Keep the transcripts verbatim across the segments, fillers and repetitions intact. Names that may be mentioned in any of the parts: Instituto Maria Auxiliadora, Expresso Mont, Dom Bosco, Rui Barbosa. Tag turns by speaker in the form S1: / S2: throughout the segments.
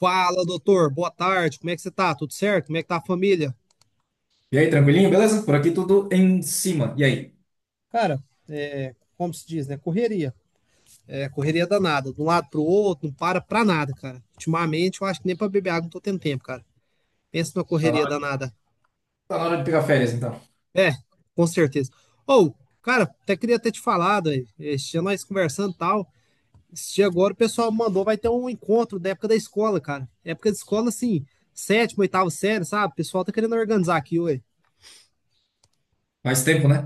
S1: Fala, doutor. Boa tarde. Como é que você tá? Tudo certo? Como é que tá a família?
S2: E aí, tranquilinho, beleza? Por aqui tudo em cima. E aí?
S1: Cara, é, como se diz, né? Correria. É, correria danada. De um lado pro outro, não para pra nada, cara. Ultimamente, eu acho que nem pra beber água não tô tendo tempo, cara. Pensa numa
S2: Tá na
S1: correria
S2: hora,
S1: danada.
S2: tá na hora de pegar férias, então.
S1: É, com certeza. Ou, cara, até queria ter te falado aí. Esse dia nós conversando e tal. Esse dia agora o pessoal mandou, vai ter um encontro da época da escola, cara. Época de escola, assim, sétima, oitava série, sabe? O pessoal tá querendo organizar aqui, ué.
S2: Faz tempo, né?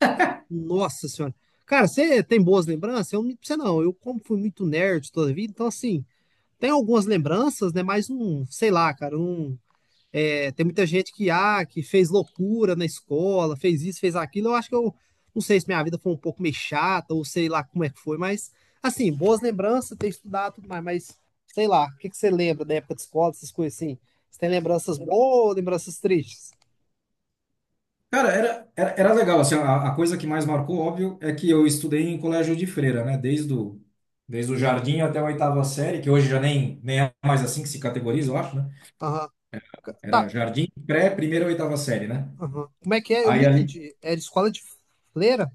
S1: Nossa senhora. Cara, você tem boas lembranças? Eu não minto você não. Eu, como fui muito nerd toda a vida, então assim, tem algumas lembranças, né? Mas não, sei lá, cara, não. É, tem muita gente que, ah, que fez loucura na escola, fez isso, fez aquilo. Eu acho que eu não sei se minha vida foi um pouco meio chata, ou sei lá como é que foi, mas assim, boas lembranças, ter estudado e tudo mais, mas sei lá, o que que você lembra da época de escola, essas coisas assim? Você tem lembranças boas ou lembranças tristes?
S2: Cara, era, era, era legal. Assim, a, a coisa que mais marcou, óbvio, é que eu estudei em colégio de freira, né? Desde o, desde o jardim até a oitava série, que hoje já nem, nem é mais assim que se categoriza, eu acho, né?
S1: Aham. Ca-
S2: Era
S1: Tá.
S2: jardim, pré, primeira, oitava série, né?
S1: Aham. Como é que é? Eu não
S2: Aí ali,
S1: entendi. Era escola de freira?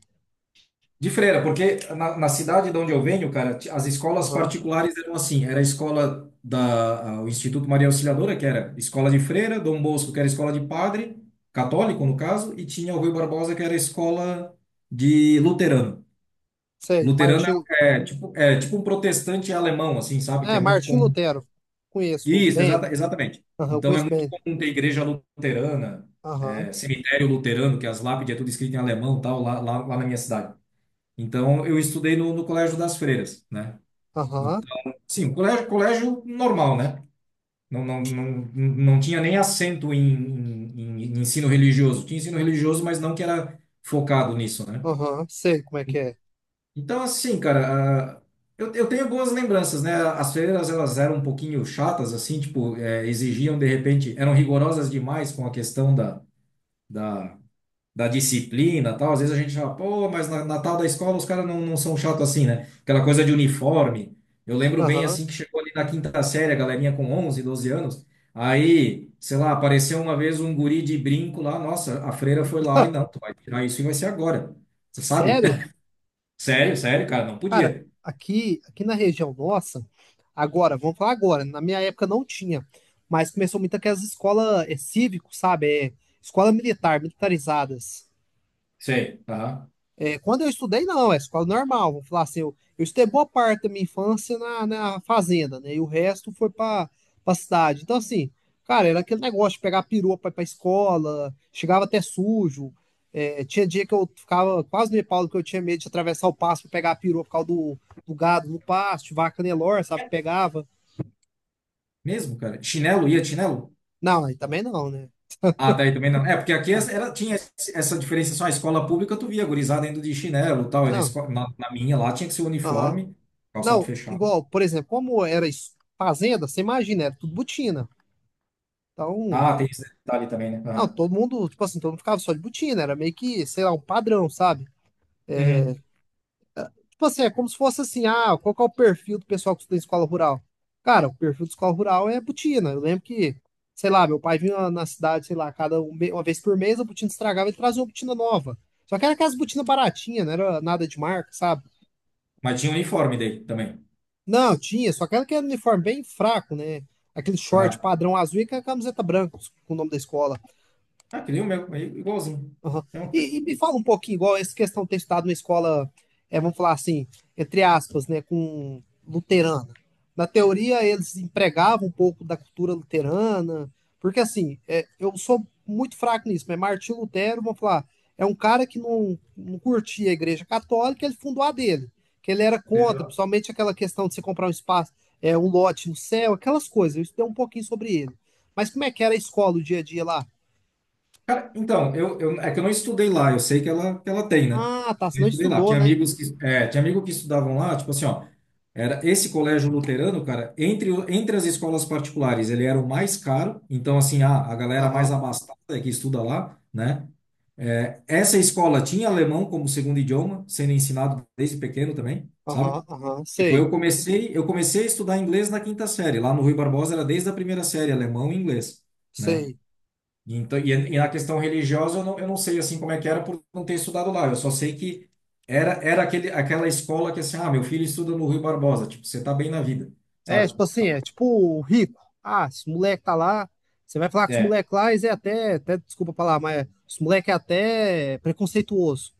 S2: De freira, porque na, na cidade de onde eu venho, cara, ti- as escolas
S1: Aham.
S2: particulares eram assim, era a escola da, a- o Instituto Maria Auxiliadora, que era escola de freira, Dom Bosco, que era escola de padre, católico no caso, e tinha o Rui Barbosa, que era escola de luterano.
S1: Sei,
S2: Luterano
S1: Martim.
S2: é, é tipo, é tipo um protestante alemão, assim, sabe? Que
S1: É,
S2: é muito
S1: Martim
S2: comum.
S1: Lutero. Conheço
S2: Isso,
S1: bem.
S2: exata, exatamente.
S1: Aham,
S2: Então é
S1: conheço
S2: muito
S1: bem.
S2: comum ter igreja luterana,
S1: Aham,
S2: é, cemitério luterano, que as lápides é tudo escrito em alemão, tal, lá, lá, lá na minha cidade. Então, eu estudei no, no Colégio das Freiras, né?
S1: aham,
S2: Então, sim, um colégio, colégio normal, né? Não, não, não, não tinha nem acento em, em, em ensino religioso. Tinha ensino religioso, mas não que era focado nisso, né?
S1: aham. Sei como é que é.
S2: Então, assim, cara, ah, eu, eu tenho boas lembranças, né? As freiras, elas eram um pouquinho chatas, assim, tipo, eh, exigiam, de repente, eram rigorosas demais com a questão da, da da disciplina, tal. Às vezes a gente fala, pô, mas na, na tal da escola os caras não, não são chatos assim, né? Aquela coisa de uniforme. Eu lembro bem
S1: Aham.
S2: assim que chegou ali na quinta série, a galerinha com onze, doze anos. Aí, sei lá, apareceu uma vez um guri de brinco lá, nossa, a freira foi lá e não, tu vai tirar isso e vai ser agora. Você sabe?
S1: Sério?
S2: Sério, sério, cara, não
S1: Cara,
S2: podia.
S1: aqui, aqui na região nossa, agora, vamos falar agora, na minha época não tinha, mas começou muito aquelas escolas é, cívico, sabe? É, escola militar, militarizadas.
S2: Sei, tá?
S1: É, quando eu estudei, não, é escola normal. Vou falar assim, eu, eu estudei boa parte da minha infância na, na fazenda, né? E o resto foi pra, pra cidade. Então, assim, cara, era aquele negócio de pegar perua pra ir pra escola, chegava até sujo. É, tinha dia que eu ficava quase no Paulo, que eu tinha medo de atravessar o pasto pra pegar a perua por causa do, do gado no pasto, vaca Nelor, sabe? Pegava.
S2: Mesmo, cara. Chinelo, ia de chinelo?
S1: Não, aí também não, né?
S2: Ah, daí também não. É, porque aqui é,
S1: Ah,
S2: era, tinha esse- essa diferenciação. A escola pública, tu via a gurizada indo de chinelo e tal. E na,
S1: não,
S2: esco- na, na minha lá tinha que ser
S1: aham.
S2: uniforme, calçado
S1: Não,
S2: fechado.
S1: igual, por exemplo, como era es- fazenda, você imagina, era tudo botina. Então,
S2: Ah, tem esse detalhe também, né?
S1: não,
S2: Ah.
S1: todo mundo, tipo assim, todo mundo ficava só de botina, era meio que, sei lá, um padrão, sabe?
S2: Uhum.
S1: Tipo assim, é como se fosse assim, ah, qual que é o perfil do pessoal que estuda em escola rural? Cara, o perfil de escola rural é botina. Eu lembro que, sei lá, meu pai vinha na- na cidade, sei lá, cada um me- uma vez por mês a botina estragava e trazia uma botina nova. Só que era aquelas botinas baratinhas, não era nada de marca, sabe?
S2: Mas tinha uniforme daí também.
S1: Não, tinha, só aquela que era uniforme bem fraco, né? Aquele short
S2: Ah,
S1: padrão azul e com a camiseta branca com o nome da escola.
S2: ah que nem o meu, aí igualzinho.
S1: Aham.
S2: Mesma
S1: E, e me fala um pouquinho, igual essa questão de ter estudado numa escola, é, vamos falar assim, entre aspas, né, com luterana. Na teoria, eles empregavam um pouco da cultura luterana, porque assim, é, eu sou muito fraco nisso, mas Martinho Lutero, vamos falar, é um cara que não, não curtia a igreja católica, ele fundou a dele, que ele era contra,
S2: coisa.
S1: principalmente aquela questão de você comprar um espaço, é, um lote no céu, aquelas coisas. Eu estudei um pouquinho sobre ele. Mas como é que era a escola, o dia a dia lá?
S2: Cara, então, eu, eu, é que eu não estudei lá, eu sei que ela, que ela tem, né?
S1: Ah, tá, você
S2: Eu
S1: não
S2: estudei lá.
S1: estudou,
S2: Tinha
S1: né?
S2: amigos que, é, tinha amigo que estudavam lá, tipo assim, ó, era esse colégio luterano, cara, entre, o- entre as escolas particulares, ele era o mais caro, então, assim, a, a galera mais
S1: Aham,
S2: abastada é que estuda lá, né? É, essa escola tinha alemão como segundo idioma, sendo ensinado desde pequeno também, sabe?
S1: aham, aham,
S2: Tipo,
S1: sei,
S2: eu comecei, eu comecei a estudar inglês na quinta série. Lá no Rui Barbosa era desde a primeira série, alemão e inglês, né?
S1: sei.
S2: Então, e, e na questão religiosa, eu não, eu não sei assim como é que era por não ter estudado lá. Eu só sei que era, era aquele, aquela escola que assim, ah, meu filho estuda no Rui Barbosa, tipo, você tá bem na vida,
S1: É,
S2: sabe?
S1: tipo assim, é tipo o rico. Ah, esse moleque tá lá, você vai falar que os
S2: É,
S1: moleques lá, eles é até, até, desculpa falar, mas os moleque é até preconceituoso.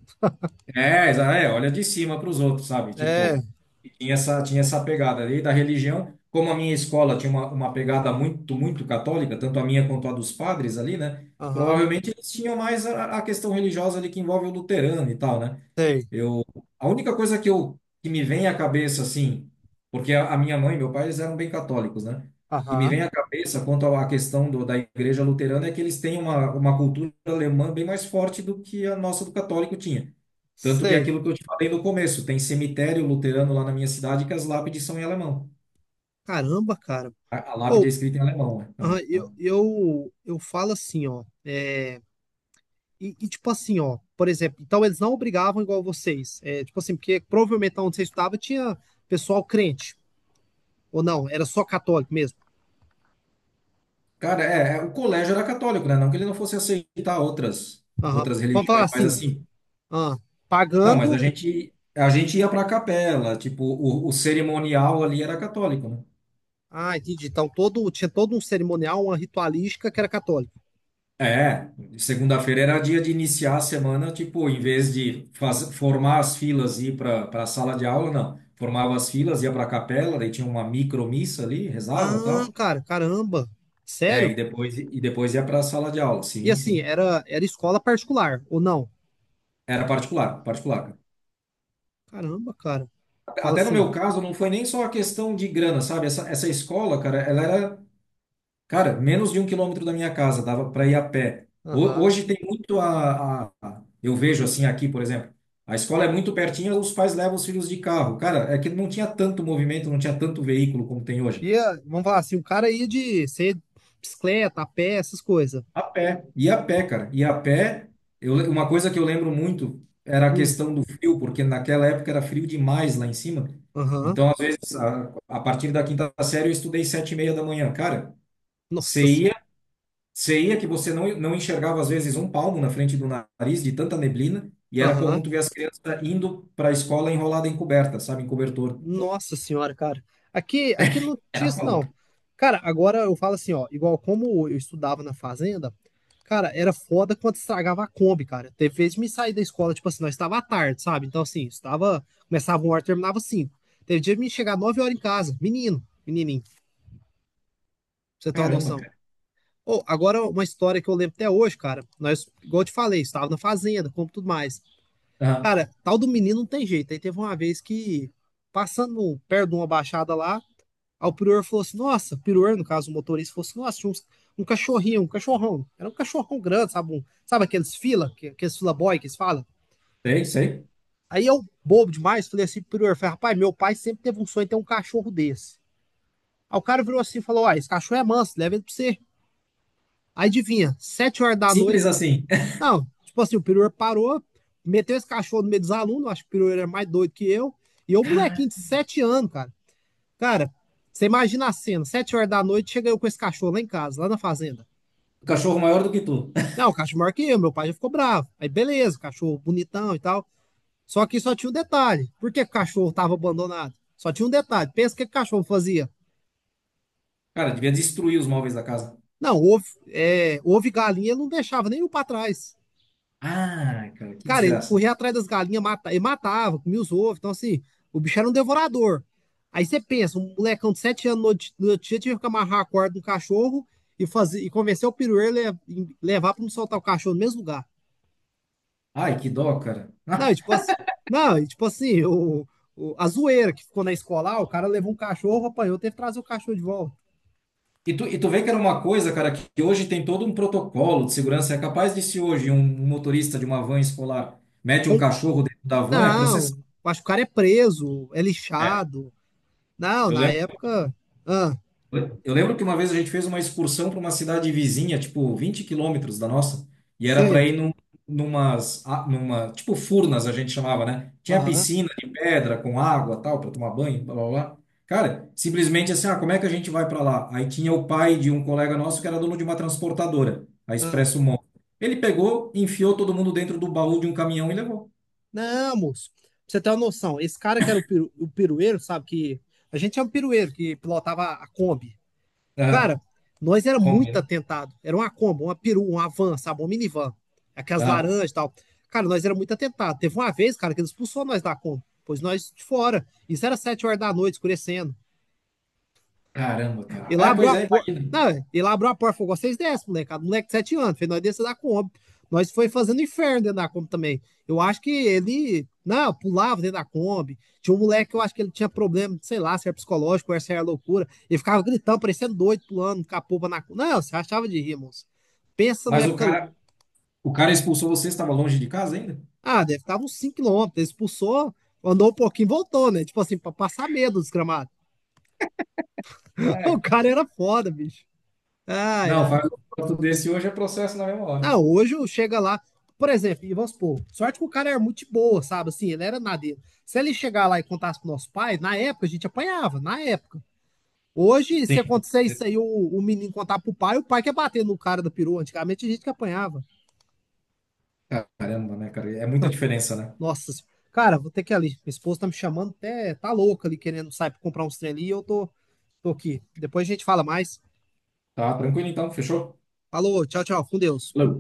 S2: É, exa- é, olha de cima para os outros, sabe?
S1: É,
S2: Tipo, e tinha essa, tinha essa pegada ali da religião. Como a minha escola tinha uma, uma pegada muito, muito católica, tanto a minha quanto a dos padres ali, né?
S1: aham,
S2: Provavelmente eles tinham mais a, a questão religiosa ali que envolve o luterano e tal, né?
S1: sei,
S2: Eu, a única coisa que eu que me vem à cabeça assim, porque a, a minha mãe e meu pai eles eram bem católicos, né? Que me
S1: aham,
S2: vem à cabeça quanto à questão do, da igreja luterana é que eles têm uma, uma cultura alemã bem mais forte do que a nossa do católico tinha. Tanto que é
S1: sei.
S2: aquilo que eu te falei no começo, tem cemitério luterano lá na minha cidade que as lápides são em alemão.
S1: Caramba, cara.
S2: A, a lápide é
S1: Ou,
S2: escrita em alemão, né?
S1: aham, eu,
S2: Aham.
S1: eu, eu falo assim, ó, é, e, e tipo assim, ó, por exemplo, então eles não obrigavam igual vocês. É, tipo assim, porque provavelmente onde você estudava tinha pessoal crente, ou não, era só católico mesmo.
S2: Cara, é, é, o colégio era católico, né? Não que ele não fosse aceitar outras
S1: Aham.
S2: outras
S1: Vamos falar
S2: religiões, mas
S1: assim,
S2: assim,
S1: ah,
S2: não, mas a
S1: pagando.
S2: gente a gente ia para a capela, tipo, o, o cerimonial ali era católico, né?
S1: Ah, entendi. Então todo, tinha todo um cerimonial, uma ritualística que era católica.
S2: É, segunda-feira era dia de iniciar a semana, tipo, em vez de faz, formar as filas e ir para para a sala de aula, não. Formava as filas, ia para a capela, daí tinha uma micromissa ali, rezava,
S1: Ah,
S2: tal.
S1: cara, caramba.
S2: É,
S1: Sério?
S2: e depois, e depois ia para a sala de aula.
S1: E
S2: Sim,
S1: assim,
S2: sim.
S1: era, era escola particular, ou não?
S2: Era particular, particular, cara.
S1: Caramba, cara. Fala
S2: Até no
S1: assim.
S2: meu caso, não foi nem só a questão de grana, sabe? Essa, essa escola, cara, ela era, cara, menos de um quilômetro da minha casa, dava para ir a pé. Ho-
S1: Aham.
S2: Hoje tem muito a, a- a- eu vejo assim aqui, por exemplo, a escola é muito pertinho, os pais levam os filhos de carro. Cara, é que não tinha tanto movimento, não tinha tanto veículo como tem hoje.
S1: E ah, vamos falar assim, o cara ia de ser bicicleta, a pé, essas coisas.
S2: A pé, e a pé, cara. E a pé, eu, le- uma coisa que eu lembro muito era a
S1: Hum.
S2: questão do frio, porque naquela época era frio demais lá em cima.
S1: Aham.
S2: Então, às vezes, a, a partir da quinta série, eu estudei sete e meia da manhã. Cara,
S1: Nossa
S2: você
S1: senhora.
S2: ia, você ia que você não, não enxergava, às vezes, um palmo na frente do nariz, de tanta neblina, e era
S1: Aham.
S2: comum tu ver as crianças indo para a escola enrolada em coberta, sabe, em cobertor.
S1: Nossa senhora, cara. Aqui, aqui não tinha
S2: Era
S1: isso,
S2: foda.
S1: não. Cara, agora eu falo assim, ó, igual como eu estudava na fazenda, cara, era foda quando estragava a Kombi, cara. Teve vezes que me sair da escola, tipo assim, nós estava à tarde, sabe? Então, assim, estava, começava uma hora, terminava cinco. Teve dia de me chegar nove horas em casa, menino, menininho, pra você ter uma
S2: Caramba,
S1: noção.
S2: cara.
S1: Ô, agora uma história que eu lembro até hoje, cara. Nós, igual eu te falei, estava na fazenda, como tudo mais.
S2: Aham,
S1: Cara, tal do menino não tem jeito. Aí teve uma vez que, passando perto de uma baixada lá, aí o prior falou assim: nossa, o prior, no caso, o motorista falou assim: nossa, tinha uns- um cachorrinho, um cachorrão. Era um cachorrão grande, sabe? Um, sabe aqueles fila, que- aqueles fila boy que eles falam?
S2: sei, sei.
S1: Aí eu, bobo demais, falei assim: pro prior, falei, rapaz, meu pai sempre teve um sonho de ter um cachorro desse. Aí o cara virou assim e falou: ó, esse cachorro é manso, leva ele pra você. Aí adivinha, sete horas da noite.
S2: Simples assim.
S1: Não, tipo assim, o prior parou, meteu esse cachorro no meio dos alunos, acho que o prior era mais doido que eu. E eu, molequinho de sete anos, cara. Cara, você imagina a cena, sete horas da noite, chega eu com esse cachorro lá em casa, lá na fazenda.
S2: O cachorro maior do que tu.
S1: Não, o cachorro maior que eu, meu pai já ficou bravo. Aí beleza, cachorro bonitão e tal. Só que só tinha um detalhe. Por que o cachorro tava abandonado? Só tinha um detalhe. Pensa o que o cachorro fazia.
S2: Cara, devia destruir os móveis da casa.
S1: Não, ovo, é, ovo e galinha ele não deixava nenhum para trás.
S2: Ah, cara, que
S1: Cara, ele
S2: desgraça.
S1: corria atrás das galinhas, mata, ele matava, comia os ovos. Então, assim, o bicho era um devorador. Aí você pensa, um molecão de sete anos no outro no outro dia tinha que amarrar a corda no cachorro e, fazer, e convencer o pirueiro a levar para não soltar o cachorro no mesmo lugar.
S2: Ai, que dó, cara.
S1: Não,
S2: Ah,
S1: e tipo assim, não, e tipo assim, o, o- a zoeira que ficou na escola, ah, o cara levou um cachorro, apanhou, teve que trazer o cachorro de volta.
S2: e tu, e tu vê que era uma coisa, cara, que que hoje tem todo um protocolo de segurança. É capaz de se hoje um motorista de uma van escolar mete um
S1: Um-
S2: cachorro dentro da van, é processado.
S1: não, acho que o cara é preso, é
S2: É.
S1: lixado. Não,
S2: Eu
S1: na
S2: lembro
S1: época. Ah,
S2: Eu lembro que uma vez a gente fez uma excursão para uma cidade vizinha, tipo vinte quilômetros da nossa, e era para
S1: sei.
S2: ir num, numas, a- numa, tipo furnas a gente chamava, né? Tinha
S1: Aham.
S2: piscina de pedra com água, tal, para tomar banho, blá blá blá. Cara, simplesmente assim, ah, como é que a gente vai para lá? Aí tinha o pai de um colega nosso que era dono de uma transportadora, a
S1: Ah.
S2: Expresso Mont. Ele pegou, enfiou todo mundo dentro do baú de um caminhão e levou.
S1: Não, moço. Pra você ter uma noção, esse cara que era o, peru o pirueiro, sabe? Que a gente é um pirueiro que pilotava a Kombi.
S2: Ah,
S1: Cara, nós era
S2: como?
S1: muito
S2: Né?
S1: atentado. Era uma combo, uma peru, uma van, sabe? Uma minivan. Aquelas
S2: Ah,
S1: laranjas e tal. Cara, nós era muito atentado. Teve uma vez, cara, que ele expulsou nós da combo. Pois nós de fora. Isso era sete horas da noite, escurecendo.
S2: caramba,
S1: E
S2: cara.
S1: lá
S2: É,
S1: abriu
S2: pois
S1: a
S2: é,
S1: porta.
S2: imagina.
S1: Não, ele abriu a porta e falou: vocês descem, molecada. Moleque de sete anos. Fez nós descer da Kombi. Nós foi fazendo inferno dentro da Kombi também. Eu acho que ele. Não, pulava dentro da Kombi. Tinha um moleque que eu acho que ele tinha problema, sei lá, se era psicológico, ou se era loucura. Ele ficava gritando, parecendo doido, pulando, capoba na Kombi. Não, você achava de rir, moço. Pensa na
S2: Mas o
S1: época.
S2: cara, O cara expulsou você, você estava longe de casa ainda?
S1: Ah, deve estar uns cinco quilômetros. Ele expulsou, andou um pouquinho e voltou, né? Tipo assim, pra passar medo dos gramados. o
S2: É,
S1: cara era foda, bicho. Ai,
S2: não, faz
S1: ai.
S2: um voto desse hoje é processo na mesma
S1: Não,
S2: hora.
S1: hoje eu chega lá, por exemplo, e vamos supor, sorte que o cara era muito boa, sabe? Assim, ele era nadeiro. Se ele chegar lá e contasse pro nosso pai, na época a gente apanhava, na época. Hoje, se
S2: Sim.
S1: acontecer isso aí, o, o menino contar pro pai, o pai quer bater no cara da perua. Antigamente a gente que apanhava.
S2: Caramba, né, cara? É muita diferença, né?
S1: Nossa, cara, vou ter que ir ali. Minha esposa tá me chamando, até tá louca ali, querendo sair pra comprar uns trem ali, e eu tô, tô aqui. Depois a gente fala mais.
S2: Tá tranquilo então, fechou?
S1: Falou, tchau, tchau, com Deus.
S2: Falou.